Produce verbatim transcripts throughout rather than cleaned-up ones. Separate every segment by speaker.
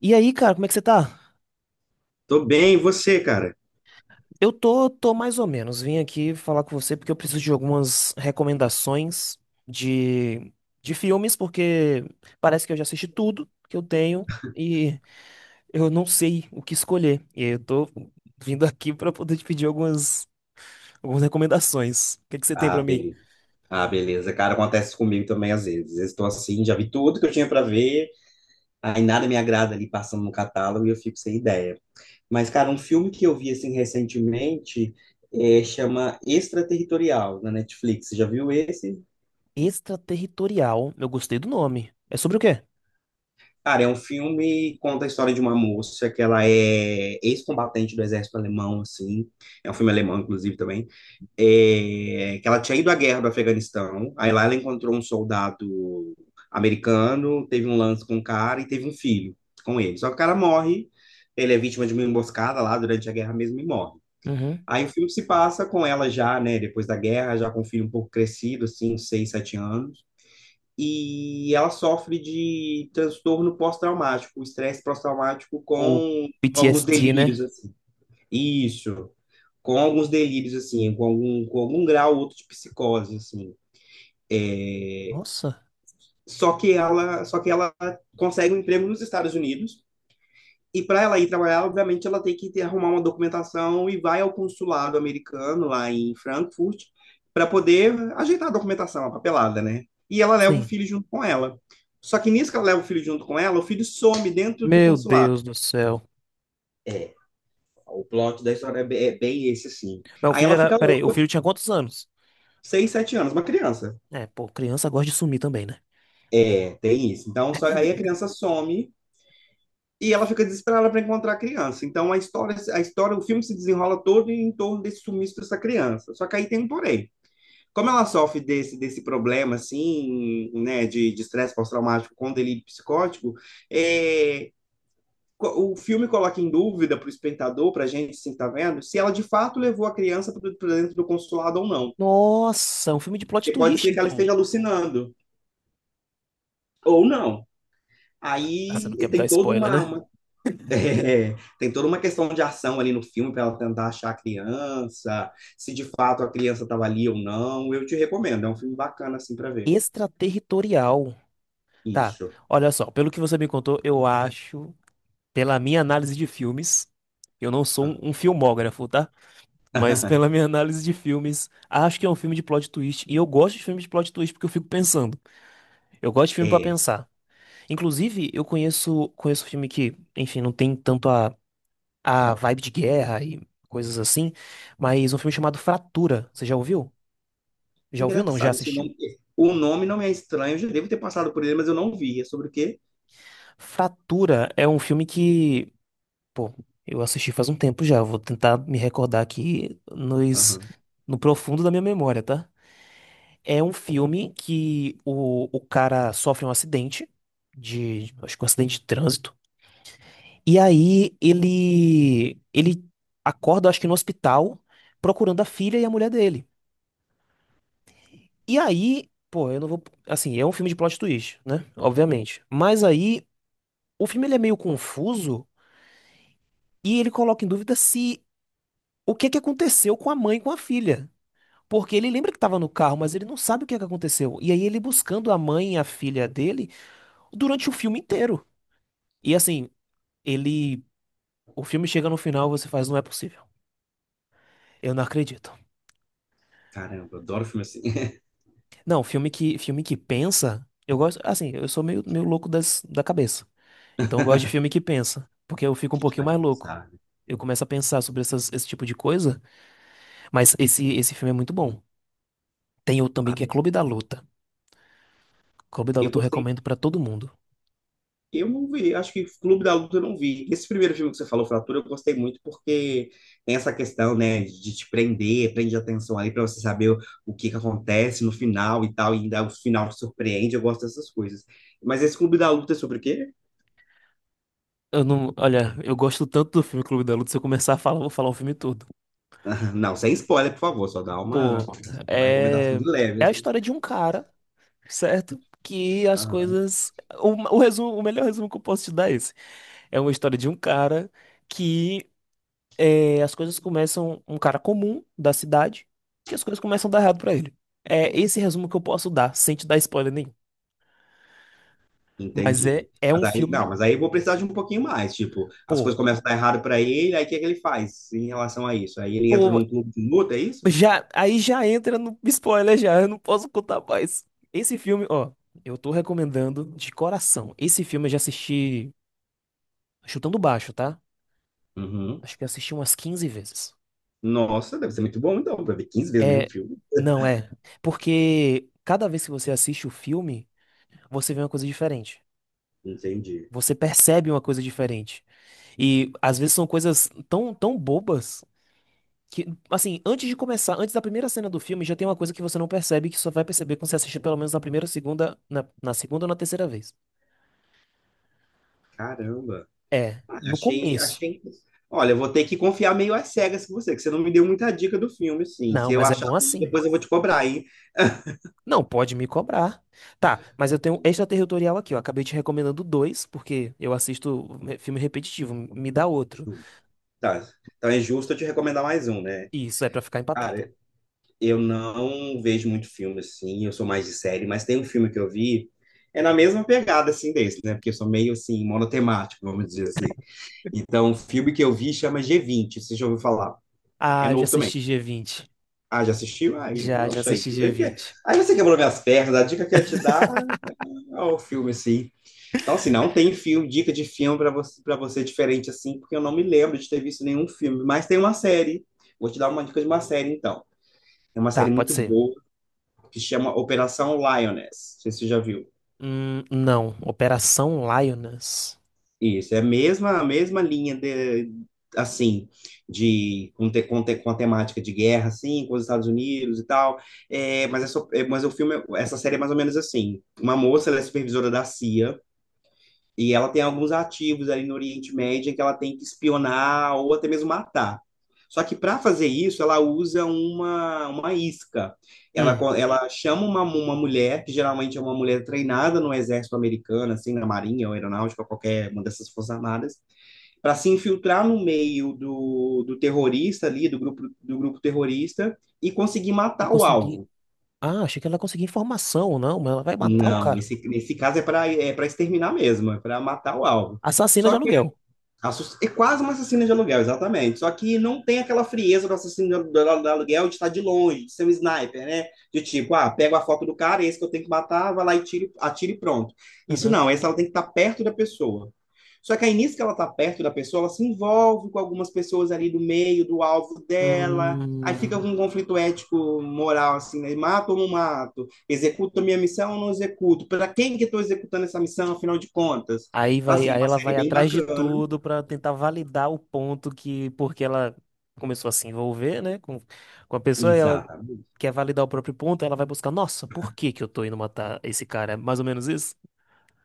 Speaker 1: E aí, cara, como é que você tá?
Speaker 2: Tô bem, e você, cara?
Speaker 1: Eu tô, tô mais ou menos. Vim aqui falar com você porque eu preciso de algumas recomendações de, de filmes, porque parece que eu já assisti tudo que eu tenho e eu não sei o que escolher. E aí eu tô vindo aqui pra poder te pedir algumas, algumas recomendações. O que é que você tem
Speaker 2: Ah,
Speaker 1: pra mim?
Speaker 2: beleza. Ah, beleza. Cara, acontece comigo também às vezes. Às vezes estou assim, já vi tudo que eu tinha para ver, aí nada me agrada ali passando no catálogo e eu fico sem ideia. Mas, cara, um filme que eu vi assim recentemente é, chama Extraterritorial, na Netflix. Você já viu esse?
Speaker 1: Extraterritorial. Eu gostei do nome. É sobre o quê?
Speaker 2: Cara, é um filme que conta a história de uma moça que ela é ex-combatente do exército alemão, assim. É um filme alemão, inclusive, também. É, que ela tinha ido à guerra do Afeganistão, aí lá ela encontrou um soldado americano, teve um lance com o cara e teve um filho com ele. Só que o cara morre, ele é vítima de uma emboscada lá durante a guerra mesmo e morre.
Speaker 1: Uhum.
Speaker 2: Aí o filme se passa com ela já, né, depois da guerra, já com o filho um pouco crescido, assim, uns seis, sete anos. E ela sofre de transtorno pós-traumático, um estresse pós-traumático
Speaker 1: O
Speaker 2: com alguns
Speaker 1: P T S D,
Speaker 2: delírios,
Speaker 1: né?
Speaker 2: assim. Isso, com alguns delírios assim, com algum, com algum grau ou outro de psicose assim.
Speaker 1: Nossa.
Speaker 2: Só que ela, só que ela consegue um emprego nos Estados Unidos e para ela ir trabalhar, obviamente ela tem que ter, arrumar uma documentação e vai ao consulado americano lá em Frankfurt para poder ajeitar a documentação, a papelada, né? E ela leva o
Speaker 1: Sim.
Speaker 2: filho junto com ela. Só que nisso que ela leva o filho junto com ela, o filho some dentro do
Speaker 1: Meu
Speaker 2: consulado.
Speaker 1: Deus do céu.
Speaker 2: É, o plot da história é bem esse, assim.
Speaker 1: Mas o
Speaker 2: Aí
Speaker 1: filho
Speaker 2: ela
Speaker 1: era.
Speaker 2: fica
Speaker 1: Peraí, o
Speaker 2: louca,
Speaker 1: filho tinha quantos anos?
Speaker 2: seis, sete anos, uma criança.
Speaker 1: É, pô, criança gosta de sumir também, né?
Speaker 2: É, tem isso. Então, só, aí a criança some e ela fica desesperada para encontrar a criança. Então, a história, a história, o filme se desenrola todo em torno desse sumiço dessa criança. Só que aí tem um porém. Como ela sofre desse, desse problema, assim, né, de de estresse pós-traumático com delírio psicótico, é, co- o filme coloca em dúvida para o espectador, para a gente, assim, que tá vendo, se ela de fato levou a criança para dentro do consulado ou não.
Speaker 1: Nossa, é um filme de plot
Speaker 2: Porque pode
Speaker 1: twist,
Speaker 2: ser que ela
Speaker 1: então.
Speaker 2: esteja alucinando, ou não.
Speaker 1: Ah, você não
Speaker 2: Aí
Speaker 1: quer me dar
Speaker 2: tem toda
Speaker 1: spoiler,
Speaker 2: uma,
Speaker 1: né?
Speaker 2: uma É, tem toda uma questão de ação ali no filme para ela tentar achar a criança, se de fato a criança estava ali ou não. Eu te recomendo, é um filme bacana assim para ver.
Speaker 1: Extraterritorial. Tá,
Speaker 2: Isso.
Speaker 1: olha só, pelo que você me contou, eu acho, pela minha análise de filmes, eu não sou
Speaker 2: Ah,
Speaker 1: um, um filmógrafo, tá? Mas pela minha análise de filmes, acho que é um filme de plot twist. E eu gosto de filme de plot twist porque eu fico pensando. Eu gosto de filme pra
Speaker 2: é.
Speaker 1: pensar. Inclusive, eu conheço, conheço filme que, enfim, não tem tanto a a vibe de guerra e coisas assim, mas um filme chamado Fratura, você já ouviu? Já ouviu não? Já
Speaker 2: Engraçado, esse
Speaker 1: assistiu?
Speaker 2: nome, o nome não me é estranho, eu já devo ter passado por ele, mas eu não vi. É sobre o quê?
Speaker 1: Fratura é um filme que, pô, eu assisti faz um tempo já, vou tentar me recordar aqui nos,
Speaker 2: Aham.
Speaker 1: no profundo da minha memória, tá? É um filme que o, o cara sofre um acidente de, acho que um acidente de trânsito, e aí ele ele acorda, acho que no hospital, procurando a filha e a mulher dele. E aí, pô, eu não vou. Assim, é um filme de plot twist, né? Obviamente. Mas aí, o filme ele é meio confuso e ele coloca em dúvida se o que é que aconteceu com a mãe e com a filha. Porque ele lembra que tava no carro, mas ele não sabe o que é que aconteceu. E aí, ele buscando a mãe e a filha dele durante o filme inteiro. E assim, ele. O filme chega no final, você faz, não é possível. Eu não acredito.
Speaker 2: Caramba, eu adoro filme assim.
Speaker 1: Não, filme que, filme que pensa, eu gosto. Assim, eu sou meio, meio louco das, da cabeça. Então eu gosto de filme que pensa, porque eu fico um
Speaker 2: Que te
Speaker 1: pouquinho
Speaker 2: faz
Speaker 1: mais louco.
Speaker 2: pensar, né?
Speaker 1: Eu começo a pensar sobre essas- esse tipo de coisa, mas esse, esse filme é muito bom. Tem outro também
Speaker 2: Ah,
Speaker 1: que é Clube da Luta. Clube da
Speaker 2: eu
Speaker 1: Luta eu
Speaker 2: gostei.
Speaker 1: recomendo pra todo mundo.
Speaker 2: Eu não vi, acho que Clube da Luta eu não vi. Esse primeiro filme que você falou, Fratura, eu gostei muito porque tem essa questão, né, de te prender, prende a atenção ali para você saber o, o que que acontece no final e tal, e ainda o final te surpreende, eu gosto dessas coisas. Mas esse Clube da Luta é sobre o quê?
Speaker 1: Eu não, olha, eu gosto tanto do filme Clube da Luta, se eu começar a falar, eu vou falar o filme todo.
Speaker 2: Não, sem spoiler, por favor, só dá uma,
Speaker 1: Pô,
Speaker 2: uma
Speaker 1: é,
Speaker 2: recomendação de leve,
Speaker 1: é a
Speaker 2: assim.
Speaker 1: história de um cara certo? Que as
Speaker 2: Aham,
Speaker 1: coisas. O, o resumo, o melhor resumo que eu posso te dar é esse. É uma história de um cara que eh, as coisas começam. Um cara comum da cidade, que as coisas começam a dar errado pra ele. É esse resumo que eu posso dar, sem te dar spoiler nenhum. Mas é,
Speaker 2: entendi.
Speaker 1: é
Speaker 2: Mas
Speaker 1: um
Speaker 2: aí, não,
Speaker 1: filme.
Speaker 2: mas aí eu vou precisar de um pouquinho mais, tipo, as coisas
Speaker 1: Pô,
Speaker 2: começam a dar errado para ele, aí o que é que ele faz em relação a isso? Aí ele entra
Speaker 1: pô,
Speaker 2: num clube de luta, é isso?
Speaker 1: já, aí já entra no spoiler já, eu não posso contar mais. Esse filme, ó, eu tô recomendando de coração. Esse filme eu já assisti chutando baixo, tá?
Speaker 2: Uhum.
Speaker 1: Acho que eu assisti umas quinze vezes.
Speaker 2: Nossa, deve ser muito bom então, pra ver quinze vezes o mesmo
Speaker 1: É,
Speaker 2: filme.
Speaker 1: não é. Porque cada vez que você assiste o filme, você vê uma coisa diferente.
Speaker 2: Entendi.
Speaker 1: Você percebe uma coisa diferente. E às vezes são coisas tão, tão bobas que, assim, antes de começar, antes da primeira cena do filme, já tem uma coisa que você não percebe, que só vai perceber quando você assistir pelo menos na primeira, segunda, na, na segunda ou na terceira vez.
Speaker 2: Caramba.
Speaker 1: É,
Speaker 2: Ah,
Speaker 1: no
Speaker 2: achei,
Speaker 1: começo.
Speaker 2: achei. Olha, eu vou ter que confiar meio às cegas com você, que você não me deu muita dica do filme, sim. Se
Speaker 1: Não,
Speaker 2: eu
Speaker 1: mas é
Speaker 2: achar
Speaker 1: bom
Speaker 2: ruim,
Speaker 1: assim.
Speaker 2: depois eu vou te cobrar, hein?
Speaker 1: Não, pode me cobrar. Tá, mas eu tenho um extraterritorial aqui, ó. Acabei te recomendando dois, porque eu assisto é, filme repetitivo. Me dá outro.
Speaker 2: Tá. Então é justo eu te recomendar mais um, né?
Speaker 1: E isso é pra ficar empatado.
Speaker 2: Cara, eu não vejo muito filme assim, eu sou mais de série, mas tem um filme que eu vi, é na mesma pegada assim desse, né? Porque eu sou meio assim, monotemático, vamos dizer assim. Então, o filme que eu vi chama G vinte, você já ouviu falar? É
Speaker 1: Ah, eu já
Speaker 2: novo também.
Speaker 1: assisti G vinte.
Speaker 2: Ah, já assistiu? Aí,
Speaker 1: Já, já
Speaker 2: poxa, aí.
Speaker 1: assisti G vinte.
Speaker 2: Aí você quebrou minhas pernas. A dica que eu ia te dar é o filme, assim. Então, assim, não tem filme, dica de filme para você, para você diferente, assim, porque eu não me lembro de ter visto nenhum filme. Mas tem uma série. Vou te dar uma dica de uma série, então. É uma
Speaker 1: Tá,
Speaker 2: série
Speaker 1: pode
Speaker 2: muito
Speaker 1: ser.
Speaker 2: boa que chama Operação Lioness. Não sei se você já viu.
Speaker 1: Hum, não. Operação Lioness.
Speaker 2: Isso, é a mesma, a mesma linha de, assim, de com, te, com, te, com a temática de guerra, assim, com os Estados Unidos e tal. É, mas, é só- é, mas o filme, essa série é mais ou menos assim. Uma moça, ela é supervisora da C I A, e ela tem alguns ativos ali no Oriente Médio em que ela tem que espionar ou até mesmo matar. Só que para fazer isso, ela usa uma, uma isca. Ela,
Speaker 1: Hum,
Speaker 2: co- ela chama uma, uma mulher, que geralmente é uma mulher treinada no exército americano, assim, na marinha ou aeronáutica, qualquer uma dessas forças armadas, para se infiltrar no meio do, do terrorista ali, do grupo, do grupo terrorista, e conseguir
Speaker 1: e
Speaker 2: matar o
Speaker 1: conseguir.
Speaker 2: alvo.
Speaker 1: Ah, achei que ela conseguia informação, não, mas ela vai matar o
Speaker 2: Não,
Speaker 1: cara.
Speaker 2: nesse, nesse caso é para é para exterminar mesmo, é para matar o alvo.
Speaker 1: Assassina de
Speaker 2: Só
Speaker 1: aluguel.
Speaker 2: Assass- é quase um assassino de aluguel, exatamente. Só que não tem aquela frieza do assassino de alu- do- aluguel de estar de longe, de ser um sniper, né? De tipo, ah, pego a foto do cara, é esse que eu tenho que matar, vai lá e tiro, atira e pronto. Isso
Speaker 1: Uhum.
Speaker 2: não, essa ela tem que estar perto da pessoa. Só que aí nisso que ela está perto da pessoa, ela se envolve com algumas pessoas ali do meio, do alvo dela. Aí fica
Speaker 1: Hum,
Speaker 2: com um conflito ético, moral, assim, né? Mato ou não mato? Executo a minha missão ou não executo? Para quem que estou executando essa missão, afinal de contas?
Speaker 1: aí
Speaker 2: Então,
Speaker 1: vai,
Speaker 2: assim,
Speaker 1: aí
Speaker 2: uma
Speaker 1: ela vai
Speaker 2: série bem
Speaker 1: atrás de
Speaker 2: bacana.
Speaker 1: tudo pra tentar validar o ponto que, porque ela começou a se envolver, né, com, com a pessoa, e ela
Speaker 2: Exatamente,
Speaker 1: quer validar o próprio ponto, ela vai buscar, nossa, por que que eu tô indo matar esse cara? É mais ou menos isso?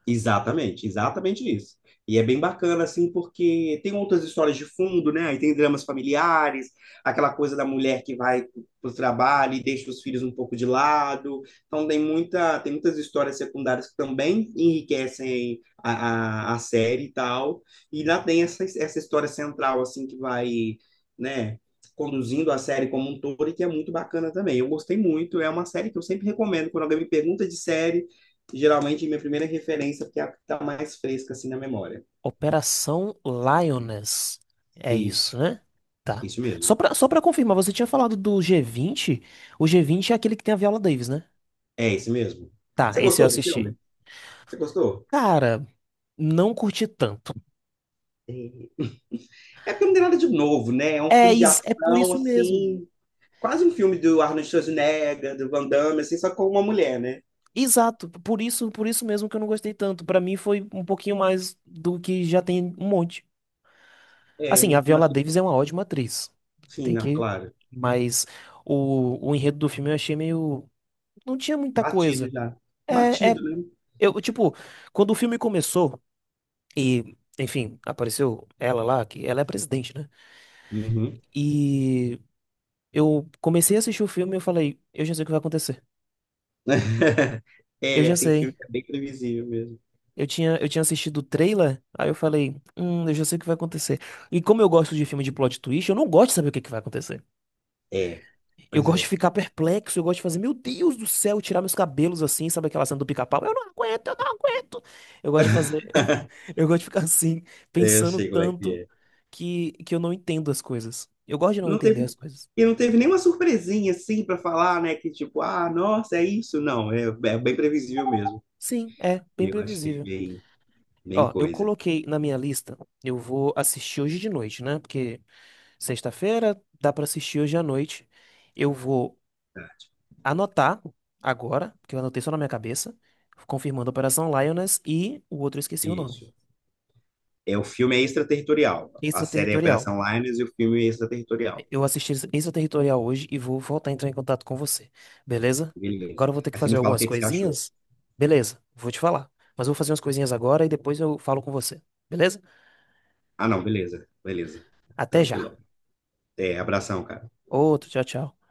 Speaker 2: exatamente, exatamente isso. E é bem bacana, assim, porque tem outras histórias de fundo, né? Aí tem dramas familiares, aquela coisa da mulher que vai para o trabalho e deixa os filhos um pouco de lado. Então tem muita, tem muitas histórias secundárias que também enriquecem a, a, a série e tal. E lá tem essa, essa história central, assim, que vai, né? Conduzindo a série como um todo e que é muito bacana também. Eu gostei muito, é uma série que eu sempre recomendo. Quando alguém me pergunta de série, geralmente minha primeira referência, porque é a que está mais fresca assim na memória.
Speaker 1: Operação Lioness. É isso,
Speaker 2: Isso,
Speaker 1: né? Tá.
Speaker 2: isso
Speaker 1: Só
Speaker 2: mesmo.
Speaker 1: pra, só pra confirmar, você tinha falado do g vinte? O g vinte é aquele que tem a Viola Davis, né?
Speaker 2: É isso mesmo.
Speaker 1: Tá,
Speaker 2: Você
Speaker 1: esse eu
Speaker 2: gostou do
Speaker 1: assisti.
Speaker 2: filme? Você gostou?
Speaker 1: Cara, não curti tanto.
Speaker 2: É. É porque não tem nada de novo, né? É um
Speaker 1: É,
Speaker 2: filme de
Speaker 1: is- é por
Speaker 2: ação,
Speaker 1: isso mesmo.
Speaker 2: assim, quase um filme do Arnold Schwarzenegger, do Van Damme, assim, só com uma mulher, né?
Speaker 1: Exato, por isso, por isso mesmo que eu não gostei tanto. Pra mim foi um pouquinho mais do que já tem um monte.
Speaker 2: É,
Speaker 1: Assim, a
Speaker 2: no
Speaker 1: Viola
Speaker 2: final,
Speaker 1: Davis é uma ótima atriz.
Speaker 2: sim,
Speaker 1: Tem
Speaker 2: não,
Speaker 1: que.
Speaker 2: claro.
Speaker 1: Mas o, o enredo do filme eu achei meio. Não tinha muita
Speaker 2: Batido
Speaker 1: coisa.
Speaker 2: já.
Speaker 1: É, é.
Speaker 2: Batido, né?
Speaker 1: Eu, tipo, quando o filme começou e, enfim, apareceu ela lá, que ela é presidente, né?
Speaker 2: Uhum.
Speaker 1: E eu comecei a assistir o filme e eu falei, eu já sei o que vai acontecer. Eu
Speaker 2: É,
Speaker 1: já
Speaker 2: tem filme
Speaker 1: sei.
Speaker 2: que é bem previsível mesmo.
Speaker 1: Eu tinha, eu tinha assistido o trailer, aí eu falei, hum, eu já sei o que vai acontecer. E como eu gosto de filme de plot twist, eu não gosto de saber o que que vai acontecer.
Speaker 2: É,
Speaker 1: Eu
Speaker 2: pois
Speaker 1: gosto de
Speaker 2: é.
Speaker 1: ficar perplexo, eu gosto de fazer, meu Deus do céu, tirar meus cabelos assim, sabe aquela cena do pica-pau? Eu não aguento, eu não aguento. Eu gosto de fazer, eu gosto de ficar assim,
Speaker 2: É, eu
Speaker 1: pensando
Speaker 2: sei como é que
Speaker 1: tanto
Speaker 2: é.
Speaker 1: que, que eu não entendo as coisas. Eu gosto de não
Speaker 2: Não
Speaker 1: entender as
Speaker 2: teve,
Speaker 1: coisas.
Speaker 2: e não teve nenhuma surpresinha assim para falar, né? Que tipo, ah, nossa, é isso. Não, é, é bem previsível mesmo.
Speaker 1: Sim, é, bem
Speaker 2: Eu achei
Speaker 1: previsível.
Speaker 2: bem, bem
Speaker 1: Ó, eu
Speaker 2: coisa.
Speaker 1: coloquei na minha lista, eu vou assistir hoje de noite, né? Porque sexta-feira dá pra assistir hoje à noite. Eu vou
Speaker 2: Tá,
Speaker 1: anotar agora, porque eu anotei só na minha cabeça, confirmando a Operação Lioness e o outro eu esqueci o nome.
Speaker 2: isso. É, o filme é extraterritorial. A série é
Speaker 1: Extraterritorial.
Speaker 2: Operação Linus e o filme é extraterritorial.
Speaker 1: Eu assisti Extraterritorial hoje e vou voltar a entrar em contato com você. Beleza?
Speaker 2: Beleza.
Speaker 1: Agora eu vou ter que
Speaker 2: Aí você me
Speaker 1: fazer
Speaker 2: fala o
Speaker 1: algumas
Speaker 2: que que você achou.
Speaker 1: coisinhas. Beleza, vou te falar. Mas eu vou fazer umas coisinhas agora e depois eu falo com você. Beleza?
Speaker 2: Ah, não, beleza, beleza.
Speaker 1: Até já.
Speaker 2: Tranquilão. É, abração, cara.
Speaker 1: Outro, tchau, tchau.